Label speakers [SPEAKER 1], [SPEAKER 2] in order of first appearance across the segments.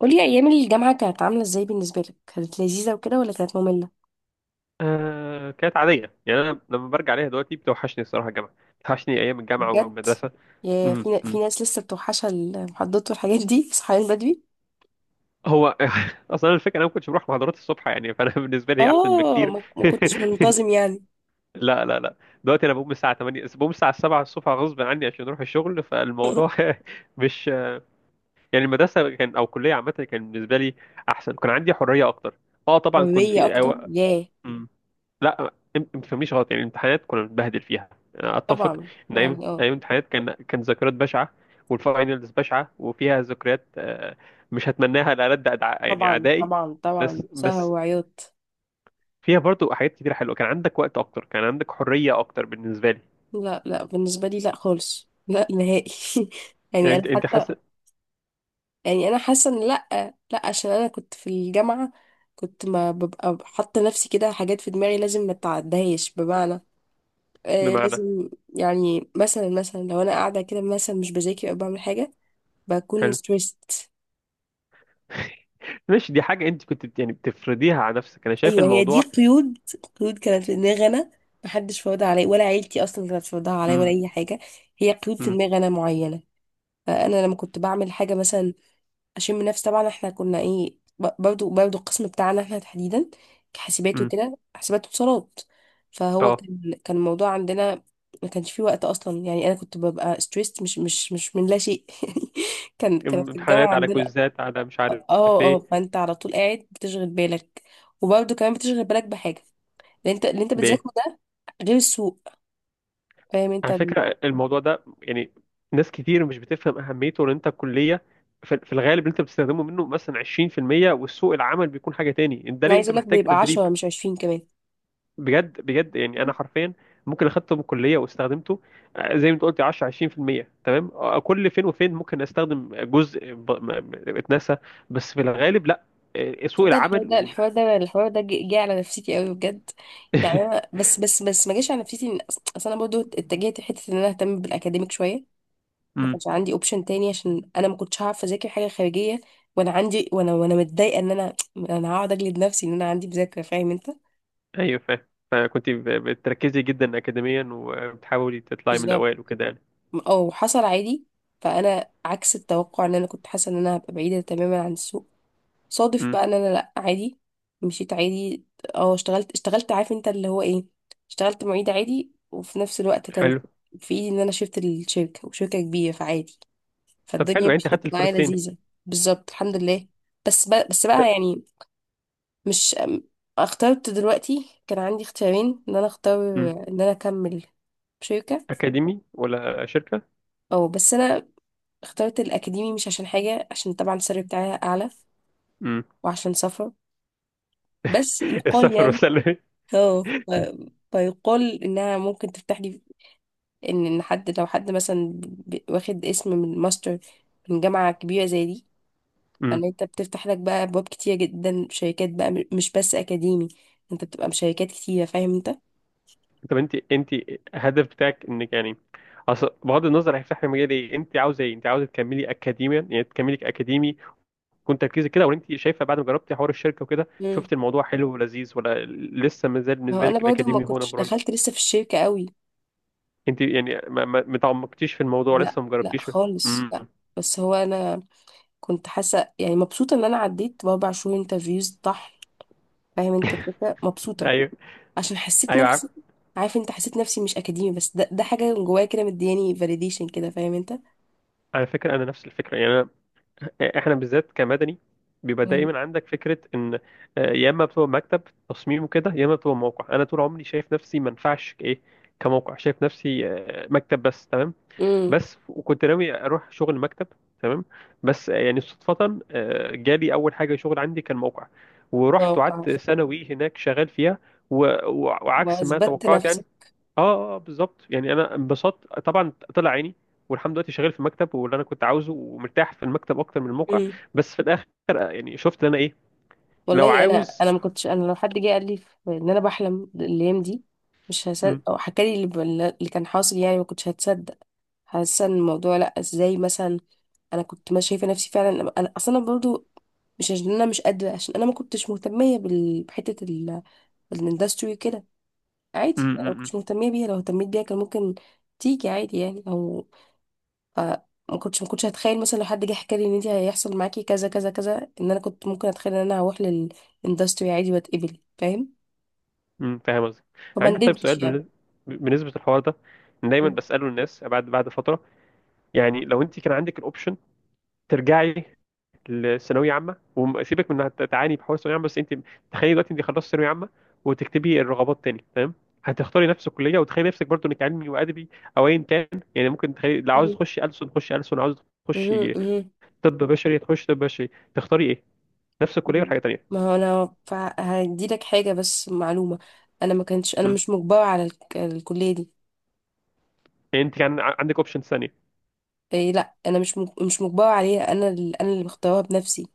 [SPEAKER 1] قولي، ايام الجامعه كانت عامله ازاي بالنسبه لك؟ كانت لذيذه وكده ولا كانت ممله؟
[SPEAKER 2] آه، كانت عادية يعني. أنا لما برجع عليها دلوقتي بتوحشني الصراحة الجامعة، بتوحشني أيام الجامعة
[SPEAKER 1] بجد؟
[SPEAKER 2] والمدرسة.
[SPEAKER 1] يا في
[SPEAKER 2] أمم.
[SPEAKER 1] ناس لسه بتوحشها المحاضرات والحاجات دي صحيان بدري؟
[SPEAKER 2] هو أصلا الفكرة أنا ما كنتش بروح محاضرات الصبح يعني، فأنا بالنسبة لي أحسن
[SPEAKER 1] اه
[SPEAKER 2] بكتير.
[SPEAKER 1] ما كنتش منتظم يعني.
[SPEAKER 2] لا لا لا، دلوقتي أنا بقوم الساعة 8، بقوم الساعة 7 الصبح غصب عني عشان أروح الشغل، فالموضوع مش يعني. المدرسة كان أو الكلية عامة كان بالنسبة لي أحسن، كان عندي حرية أكتر. أه طبعا كنت
[SPEAKER 1] حريه
[SPEAKER 2] في
[SPEAKER 1] اكتر ياه.
[SPEAKER 2] مم. لا، ما تفهمنيش غلط، يعني الامتحانات كنا بنتبهدل فيها. أنا اتفق
[SPEAKER 1] طبعا
[SPEAKER 2] ان ايام
[SPEAKER 1] يعني
[SPEAKER 2] ايام الامتحانات كان ذكريات بشعه، والفاينلز بشعه وفيها ذكريات، مش هتمناها لألد يعني
[SPEAKER 1] طبعا
[SPEAKER 2] اعدائي.
[SPEAKER 1] طبعا
[SPEAKER 2] بس
[SPEAKER 1] طبعا، سهر
[SPEAKER 2] بس
[SPEAKER 1] وعياط.
[SPEAKER 2] فيها برضو حاجات كتير حلوه، كان عندك وقت اكتر، كان عندك حريه اكتر بالنسبه لي.
[SPEAKER 1] لا لا، بالنسبه لي لا خالص لا نهائي.
[SPEAKER 2] يعني
[SPEAKER 1] يعني انا
[SPEAKER 2] انت
[SPEAKER 1] حتى
[SPEAKER 2] حاسس
[SPEAKER 1] يعني انا حاسه ان لا. لا، عشان انا كنت في الجامعه كنت ما ببقى حاطه نفسي كده، حاجات في دماغي لازم ما اتعدهاش، بمعنى
[SPEAKER 2] بمعنى؟
[SPEAKER 1] لازم، يعني مثلا لو انا قاعده كده مثلا مش بذاكر او بعمل حاجه، بكون
[SPEAKER 2] حلو،
[SPEAKER 1] ستريسد.
[SPEAKER 2] مش دي حاجه انت كنت يعني بتفرضيها على نفسك؟ انا شايف
[SPEAKER 1] ايوه هي دي
[SPEAKER 2] الموضوع.
[SPEAKER 1] قيود. قيود كانت في دماغي انا، محدش فرضها عليا، ولا عيلتي اصلا كانت فرضها عليا ولا
[SPEAKER 2] امم
[SPEAKER 1] اي حاجه. هي قيود في
[SPEAKER 2] امم
[SPEAKER 1] دماغي انا معينه، فانا لما كنت بعمل حاجه مثلا اشم نفس. طبعا احنا كنا ايه، برضو القسم بتاعنا احنا تحديدا كحاسبات
[SPEAKER 2] امم
[SPEAKER 1] وكده، حاسبات واتصالات، فهو
[SPEAKER 2] اه
[SPEAKER 1] كان الموضوع عندنا ما كانش فيه وقت اصلا. يعني انا كنت ببقى ستريسد مش من لا شيء يعني. كان في الجامعه
[SPEAKER 2] امتحانات على
[SPEAKER 1] عندنا.
[SPEAKER 2] كويزات على مش عارف
[SPEAKER 1] اه اه،
[SPEAKER 2] ايه
[SPEAKER 1] فانت على طول قاعد بتشغل بالك، وبرضو كمان بتشغل بالك بحاجه، اللي انت
[SPEAKER 2] بيه.
[SPEAKER 1] بتذاكره ده، غير السوق. فاهم انت.
[SPEAKER 2] على فكرة، الموضوع ده يعني ناس كتير مش بتفهم أهميته، لأن أنت الكلية في الغالب اللي أنت بتستخدمه منه مثلا 20%، والسوق العمل بيكون حاجة تاني، ده
[SPEAKER 1] انا
[SPEAKER 2] ليه
[SPEAKER 1] عايز
[SPEAKER 2] أنت
[SPEAKER 1] اقول لك
[SPEAKER 2] محتاج
[SPEAKER 1] بيبقى
[SPEAKER 2] تدريب.
[SPEAKER 1] 10 مش 20 كمان.
[SPEAKER 2] بجد بجد، يعني أنا حرفيا ممكن أخدته من الكلية واستخدمته، زي ما أنت قلت 10 20%، تمام. كل فين وفين ممكن أستخدم جزء اتنسى، بس في الغالب لأ. سوق
[SPEAKER 1] ده الحوار
[SPEAKER 2] العمل
[SPEAKER 1] ده
[SPEAKER 2] وال...
[SPEAKER 1] الحوار ده الحوار ده جه على نفسيتي قوي بجد. يعني أنا بس ما جاش على نفسيتي اصل انا برضو اتجهت لحته ان انا اهتم بالاكاديميك شويه. ما
[SPEAKER 2] مم.
[SPEAKER 1] كانش عندي اوبشن تاني عشان انا ما كنتش هعرف اذاكر حاجه خارجيه وانا عندي، وانا متضايقه ان انا هقعد اجلد نفسي ان انا عندي مذاكره. فاهم انت.
[SPEAKER 2] أيوه فاهم. فكنت بتركزي جدا أكاديميا وبتحاولي تطلعي من
[SPEAKER 1] بالظبط
[SPEAKER 2] الأوائل وكده يعني.
[SPEAKER 1] او حصل عادي. فانا عكس التوقع، ان انا كنت حاسه ان انا هبقى بعيده تماما عن السوق. صادف
[SPEAKER 2] مم.
[SPEAKER 1] بقى ان انا لا، عادي، مشيت عادي. اه، اشتغلت عارف انت اللي هو ايه، اشتغلت معيد عادي، وفي نفس الوقت كان
[SPEAKER 2] حلو.
[SPEAKER 1] في ايدي ان انا شفت الشركة، وشركة كبيرة، فعادي،
[SPEAKER 2] طب حلو،
[SPEAKER 1] فالدنيا
[SPEAKER 2] يعني انت خدت
[SPEAKER 1] مشيت معايا
[SPEAKER 2] الفلوسين.
[SPEAKER 1] لذيذة. بالظبط الحمد لله. بس بقى يعني مش ام- اخترت دلوقتي، كان عندي اختيارين ان انا اختار
[SPEAKER 2] امم
[SPEAKER 1] ان انا اكمل شركة
[SPEAKER 2] اكاديمي ولا شركه؟
[SPEAKER 1] او، بس انا اخترت الاكاديمي. مش عشان حاجة، عشان طبعا السالري بتاعي اعلى،
[SPEAKER 2] امم
[SPEAKER 1] وعشان سفر، بس يقال
[SPEAKER 2] السفر
[SPEAKER 1] يعني
[SPEAKER 2] والسلة.
[SPEAKER 1] اه ف- فيقال انها ممكن تفتح لي، ان حد، لو حد مثلا واخد اسم من ماستر من جامعة كبيرة زي دي،
[SPEAKER 2] امم
[SPEAKER 1] فان انت بتفتح لك بقى ابواب كتير جدا، شركات بقى مش بس اكاديمي، انت بتبقى بشركات كتيرة. فاهم انت.
[SPEAKER 2] طب انت الهدف بتاعك انك يعني، اصل بغض النظر هيفتح لي مجال ايه، انت عاوزه ايه؟ انت عاوزه تكملي اكاديميا؟ يعني تكملي اكاديمي وكنت تركيزك كده، ولا انت شايفه بعد ما جربتي حوار الشركه وكده،
[SPEAKER 1] مم.
[SPEAKER 2] شفت الموضوع حلو ولذيذ، ولا لسه ما زال
[SPEAKER 1] ما هو
[SPEAKER 2] بالنسبه
[SPEAKER 1] انا
[SPEAKER 2] لك
[SPEAKER 1] برضو ما
[SPEAKER 2] الاكاديمي هو
[SPEAKER 1] كنتش
[SPEAKER 2] نمبر 1؟
[SPEAKER 1] دخلت لسه في الشركة قوي.
[SPEAKER 2] انت يعني ما تعمقتيش في الموضوع،
[SPEAKER 1] لا
[SPEAKER 2] لسه ما
[SPEAKER 1] لا
[SPEAKER 2] جربتيش.
[SPEAKER 1] خالص
[SPEAKER 2] امم
[SPEAKER 1] لا. بس هو انا كنت حاسة يعني مبسوطة ان انا عديت ب4 شهور انترفيوز طحن. فاهم انت الفكرة مبسوطة،
[SPEAKER 2] ايوه
[SPEAKER 1] عشان حسيت
[SPEAKER 2] ايوه، عارف.
[SPEAKER 1] نفسي، عارف انت، حسيت نفسي مش اكاديمي، بس ده حاجه جوايا كده مدياني فاليديشن كده. فاهم انت.
[SPEAKER 2] على فكره انا نفس الفكره يعني، احنا بالذات كمدني بيبقى
[SPEAKER 1] مم.
[SPEAKER 2] دايما عندك فكره ان يا اما بتبقى مكتب تصميم وكده، يا اما بتبقى موقع. انا طول عمري شايف نفسي ما ينفعش ايه كموقع، شايف نفسي مكتب بس، تمام
[SPEAKER 1] امم
[SPEAKER 2] بس. وكنت ناوي اروح شغل مكتب، تمام. بس يعني صدفه جالي اول حاجه شغل عندي كان موقع، ورحت
[SPEAKER 1] اتوقع،
[SPEAKER 2] وقعدت ثانوي هناك شغال فيها، و- وعكس ما
[SPEAKER 1] واثبتت
[SPEAKER 2] توقعت
[SPEAKER 1] نفسي.
[SPEAKER 2] يعني. اه اه، بالظبط يعني. انا انبسطت طبعا، طلع عيني. والحمد لله، دلوقتي شغال في المكتب واللي انا كنت عاوزه، ومرتاح في المكتب اكتر من الموقع،
[SPEAKER 1] امم
[SPEAKER 2] بس في الاخر يعني شفت ان انا ايه لو
[SPEAKER 1] والله انا
[SPEAKER 2] عاوز
[SPEAKER 1] انا ما كنتش، انا لو حد جه قال لي ان انا بحلم الايام دي مش
[SPEAKER 2] م-
[SPEAKER 1] هصدق، او حكى لي اللي كان حاصل يعني ما كنتش هتصدق. حاسه ان الموضوع، لا، ازاي مثلا؟ انا كنت ما شايفه نفسي فعلا، انا اصلا برضو مش عشان انا مش قادره، عشان انا ما كنتش مهتميه الاندستري كده.
[SPEAKER 2] م-
[SPEAKER 1] عادي، لو كنتش
[SPEAKER 2] م-
[SPEAKER 1] مهتمية بيها، لو اهتميت بيها كان ممكن تيجي عادي، يعني او ف ما كنتش هتخيل مثلا لو حد جه حكى لي ان انت هيحصل معاكي كذا كذا كذا، ان انا كنت ممكن اتخيل ان انا هروح للاندستري عادي واتقبل، فاهم.
[SPEAKER 2] فاهم قصدي.
[SPEAKER 1] فما
[SPEAKER 2] عندي طيب سؤال
[SPEAKER 1] ندمتش يعني.
[SPEAKER 2] بالنسبه للحوار ده، دايما
[SPEAKER 1] مم.
[SPEAKER 2] بساله الناس بعد فتره، يعني لو انت كان عندك الاوبشن ترجعي الثانويه عامه، وسيبك من انها تعاني بحوار الثانويه عامه، بس انت تخيلي دلوقتي انت خلصت ثانويه عامه، وتكتبي الرغبات تاني، تمام. هتختاري نفس الكليه؟ وتخيلي نفسك برضو انك علمي وادبي، او ايا كان، يعني ممكن تخيلي لو عاوز
[SPEAKER 1] مم.
[SPEAKER 2] تخشي ألسن، تخشي ألسن، عاوز
[SPEAKER 1] مم.
[SPEAKER 2] تخشي
[SPEAKER 1] مم.
[SPEAKER 2] طب بشري، تخشي طب بشري. تختاري ايه؟ نفس الكليه ولا
[SPEAKER 1] مم.
[SPEAKER 2] حاجه
[SPEAKER 1] ما
[SPEAKER 2] تانيه؟
[SPEAKER 1] هو انا هديلك حاجة بس معلومة، انا ما كنتش، انا
[SPEAKER 2] مم.
[SPEAKER 1] مش مجبرة على الكلية دي.
[SPEAKER 2] يعني انت كان عندك اوبشنز ثانيه.
[SPEAKER 1] إيه لا، انا مش مش مجبرة عليها، انا اللي مختارها بنفسي.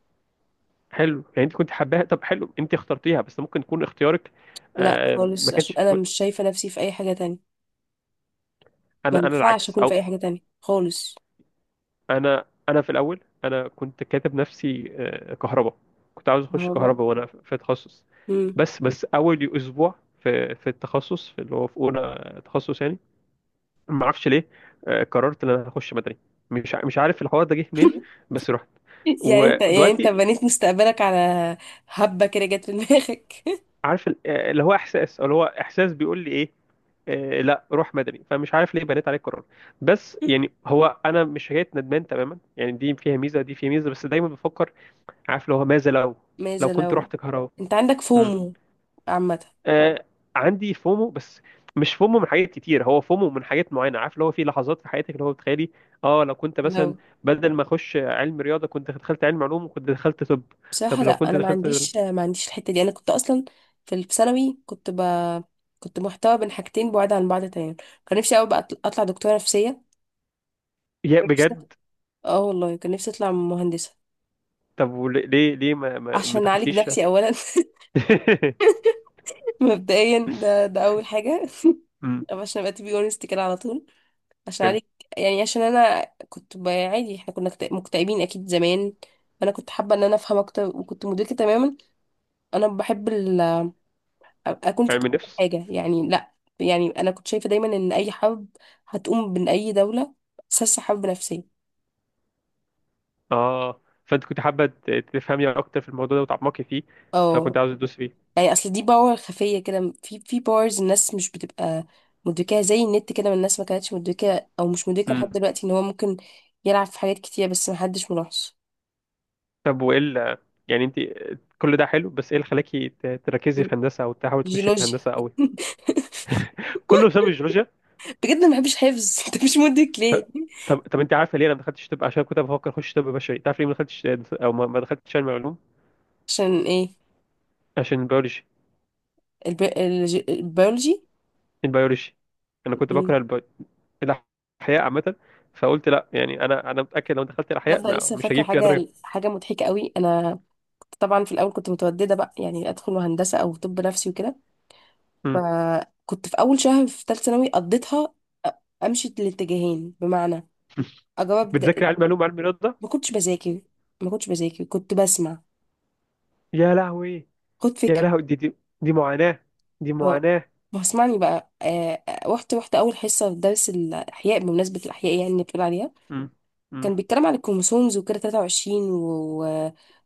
[SPEAKER 2] حلو، يعني انت كنت حباها؟ طب حلو، انت اخترتيها بس ممكن يكون اختيارك.
[SPEAKER 1] لا
[SPEAKER 2] ما
[SPEAKER 1] خالص، عشان
[SPEAKER 2] كانش،
[SPEAKER 1] انا مش شايفة نفسي في اي حاجة تانية، ما
[SPEAKER 2] انا
[SPEAKER 1] ينفعش
[SPEAKER 2] العكس،
[SPEAKER 1] اكون في
[SPEAKER 2] او
[SPEAKER 1] اي حاجه تانية خالص.
[SPEAKER 2] انا في الاول، انا كنت كاتب نفسي كهرباء. كنت عاوز اخش
[SPEAKER 1] هو بقى.
[SPEAKER 2] كهرباء وانا في تخصص،
[SPEAKER 1] مم.
[SPEAKER 2] بس اول اسبوع في التخصص، في اللي هو في اولى تخصص يعني، ما اعرفش ليه قررت ان انا هخش مدني. مش عارف الحوار ده جه منين، بس رحت.
[SPEAKER 1] يعني انت
[SPEAKER 2] ودلوقتي
[SPEAKER 1] بنيت مستقبلك على هبه كده جت في دماغك.
[SPEAKER 2] عارف اللي هو احساس بيقول لي ايه، لا روح مدني، فمش عارف ليه بنيت عليه القرار. بس يعني هو انا مش شايف ندمان تماما يعني، دي فيها ميزه، دي فيها ميزه، بس دايما بفكر عارف لو ماذا لو، لو
[SPEAKER 1] ماذا
[SPEAKER 2] كنت
[SPEAKER 1] لو؟
[SPEAKER 2] رحت كهرباء.
[SPEAKER 1] انت عندك
[SPEAKER 2] مم.
[SPEAKER 1] فومو عامه.
[SPEAKER 2] آه، عندي فومو بس، مش فومو من حاجات كتير، هو فومو من حاجات معينه، عارف اللي هو في لحظات في حياتك اللي هو بتخيلي، اه لو كنت مثلا
[SPEAKER 1] لو
[SPEAKER 2] بدل ما اخش علم رياضه، كنت دخلت علم علوم وكنت دخلت طب.
[SPEAKER 1] بصراحه
[SPEAKER 2] طب
[SPEAKER 1] لا،
[SPEAKER 2] لو كنت
[SPEAKER 1] انا ما
[SPEAKER 2] دخلت،
[SPEAKER 1] عنديش ما عنديش الحته دي، انا كنت اصلا في في ثانوي كنت كنت محتوى بين حاجتين بعاد عن بعض تماما. كان نفسي قوي بقى اطلع دكتوره نفسيه،
[SPEAKER 2] يا
[SPEAKER 1] كان نفسي،
[SPEAKER 2] بجد.
[SPEAKER 1] اه والله كان نفسي اطلع مهندسه.
[SPEAKER 2] طب ليه ما
[SPEAKER 1] عشان اعالج
[SPEAKER 2] دخلتيش؟
[SPEAKER 1] نفسي اولا مبدئيا. ده اول حاجه.
[SPEAKER 2] مم.
[SPEAKER 1] طب عشان ابقى تبي اونست كده على طول، عشان
[SPEAKER 2] حلو،
[SPEAKER 1] عليك، يعني عشان انا كنت عادي احنا كنا مكتئبين اكيد زمان. انا كنت حابه ان انا افهم اكتر، وكنت مدركه تماما انا بحب اكون في
[SPEAKER 2] علم
[SPEAKER 1] قمه
[SPEAKER 2] النفس.
[SPEAKER 1] حاجه، يعني لا. يعني انا كنت شايفه دايما ان اي حرب هتقوم من اي دوله اساسها حرب نفسيه.
[SPEAKER 2] اه، فانت كنت حابه تفهمي اكتر في الموضوع ده وتعمقي فيه، فكنت
[SPEAKER 1] اه.
[SPEAKER 2] عاوز تدوس
[SPEAKER 1] يعني اصل دي باور خفيه كده، في باورز الناس مش بتبقى مدركاها، زي النت كده، ما الناس ما كانتش مدركه او مش مدركه
[SPEAKER 2] فيه.
[SPEAKER 1] لحد دلوقتي ان هو ممكن يلعب في حاجات كتير بس محدش ملاحظ.
[SPEAKER 2] طب وايه يعني انت، كل ده حلو بس ايه اللي خلاكي تركزي في هندسه، او تحاولي تخشي
[SPEAKER 1] جيولوجيا.
[SPEAKER 2] هندسه قوي؟ كله بسبب الجيولوجيا.
[SPEAKER 1] بجد، أنا ما بحبش حفظ انت مش مدرك ليه؟
[SPEAKER 2] ط- طب انت عارفه ليه انا ما دخلتش طب عشان كنت بفكر اخش طب بشري؟ تعرف ليه ما دخلتش، او ما دخلتش علم علوم؟
[SPEAKER 1] عشان ايه؟
[SPEAKER 2] عشان البيولوجي،
[SPEAKER 1] البيولوجي.
[SPEAKER 2] البيولوجي. انا كنت
[SPEAKER 1] مم.
[SPEAKER 2] بكره البي... الاحياء عامه، فقلت لا، يعني انا متاكد لو دخلت الاحياء
[SPEAKER 1] تصدق لسه
[SPEAKER 2] مش
[SPEAKER 1] فاكره
[SPEAKER 2] هجيب فيها درجه.
[SPEAKER 1] حاجه، حاجه مضحكه قوي. انا طبعا في الاول كنت متودده بقى، يعني ادخل هندسه او طب نفسي وكده.
[SPEAKER 2] امم
[SPEAKER 1] فكنت في اول شهر في ثالثه ثانوي قضيتها امشي الاتجاهين، بمعنى اجاوب
[SPEAKER 2] بتذاكر علم علوم علم رياضه.
[SPEAKER 1] ما كنتش بذاكر ما كنتش بذاكر كنت بسمع.
[SPEAKER 2] يا لهوي
[SPEAKER 1] خد
[SPEAKER 2] يا
[SPEAKER 1] فكره.
[SPEAKER 2] لهوي، دي معاناه دي
[SPEAKER 1] اه
[SPEAKER 2] معاناه
[SPEAKER 1] ما اسمعني بقى، رحت اول حصه في درس الاحياء بمناسبه الاحياء يعني اللي بتقول عليها،
[SPEAKER 2] امم امم
[SPEAKER 1] كان بيتكلم عن الكروموسومز وكده 23 و...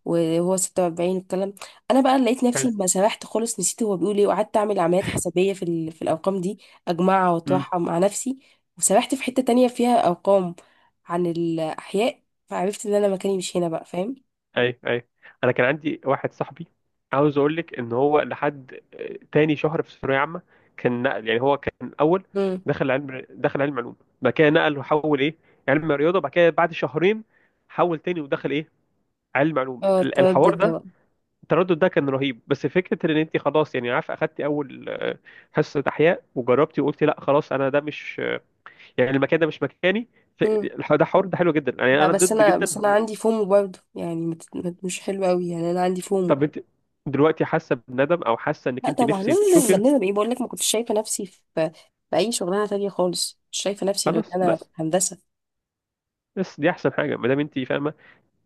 [SPEAKER 1] و- وهو 46 والكلام. انا بقى لقيت نفسي ما سرحت خالص، نسيت هو بيقول ايه، وقعدت اعمل عمليات حسابيه في الارقام دي، اجمعها
[SPEAKER 2] حلو.
[SPEAKER 1] واطرحها مع نفسي، وسرحت في حته تانية فيها ارقام عن الاحياء، فعرفت ان انا مكاني مش هنا بقى. فاهم.
[SPEAKER 2] اي اي، انا كان عندي واحد صاحبي، عاوز اقول لك ان هو لحد تاني شهر في ثانويه عامه كان نقل، يعني هو كان اول
[SPEAKER 1] امم
[SPEAKER 2] دخل علم علوم، بعد كده نقل وحول ايه علم رياضه، بعد كده بعد شهرين حول تاني ودخل ايه علم علوم.
[SPEAKER 1] اه التردد
[SPEAKER 2] الحوار
[SPEAKER 1] ده
[SPEAKER 2] ده،
[SPEAKER 1] بقى.
[SPEAKER 2] التردد ده كان رهيب. بس فكره ان انت خلاص يعني عارف، اخدتي اول حصه احياء وجربتي وقلتي لا خلاص، انا ده مش يعني المكان ده مش مكاني. ف-
[SPEAKER 1] امم
[SPEAKER 2] ده حوار ده حلو جدا يعني،
[SPEAKER 1] لا،
[SPEAKER 2] انا
[SPEAKER 1] بس
[SPEAKER 2] ضد
[SPEAKER 1] انا
[SPEAKER 2] جدا.
[SPEAKER 1] بس انا عندي فومو برضه، يعني مش حلو قوي يعني، انا عندي فومو.
[SPEAKER 2] طب انت دلوقتي حاسه بندم او حاسه انك
[SPEAKER 1] لا
[SPEAKER 2] انت
[SPEAKER 1] طبعا
[SPEAKER 2] نفسي
[SPEAKER 1] لازم
[SPEAKER 2] تشوفي؟
[SPEAKER 1] بننا بايه، بقول لك ما كنتش شايفه نفسي في في اي شغلانه تانية خالص، مش شايفه نفسي غير
[SPEAKER 2] خلاص،
[SPEAKER 1] إن انا في
[SPEAKER 2] بس
[SPEAKER 1] هندسه.
[SPEAKER 2] بس دي احسن حاجه ما دام انت فاهمه،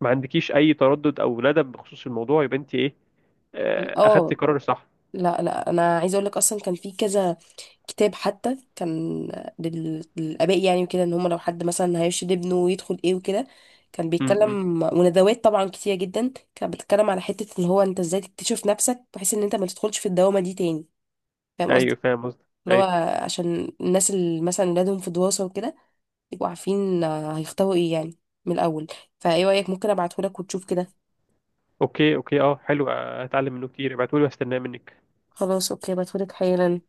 [SPEAKER 2] ما عندكيش اي تردد او ندم بخصوص الموضوع، يبقى انت ايه اخدتي
[SPEAKER 1] اه.
[SPEAKER 2] قرار صح.
[SPEAKER 1] لا لا، انا عايزه اقول لك اصلا كان في كذا كتاب حتى كان للاباء يعني وكده، ان هم لو حد مثلا هيرشد ابنه ويدخل ايه وكده. كان
[SPEAKER 2] امم
[SPEAKER 1] بيتكلم، وندوات طبعا كتير جدا كانت بتتكلم على حته ان هو انت ازاي تكتشف نفسك بحيث ان انت ما تدخلش في الدوامه دي تاني. فاهم قصدي.
[SPEAKER 2] ايوه فاهم قصدك،
[SPEAKER 1] اللي هو
[SPEAKER 2] ايوه.
[SPEAKER 1] عشان الناس اللي مثلا ولادهم في دراسه وكده يبقوا عارفين هيختاروا ايه يعني من الاول. فايه رايك ممكن ابعتهولك وتشوف كده؟
[SPEAKER 2] اوكي اوكي، اه، حلو، هتعلم منه كتير، ابعتولي واستناه منك.
[SPEAKER 1] خلاص اوكي، ابعتهولك حالا.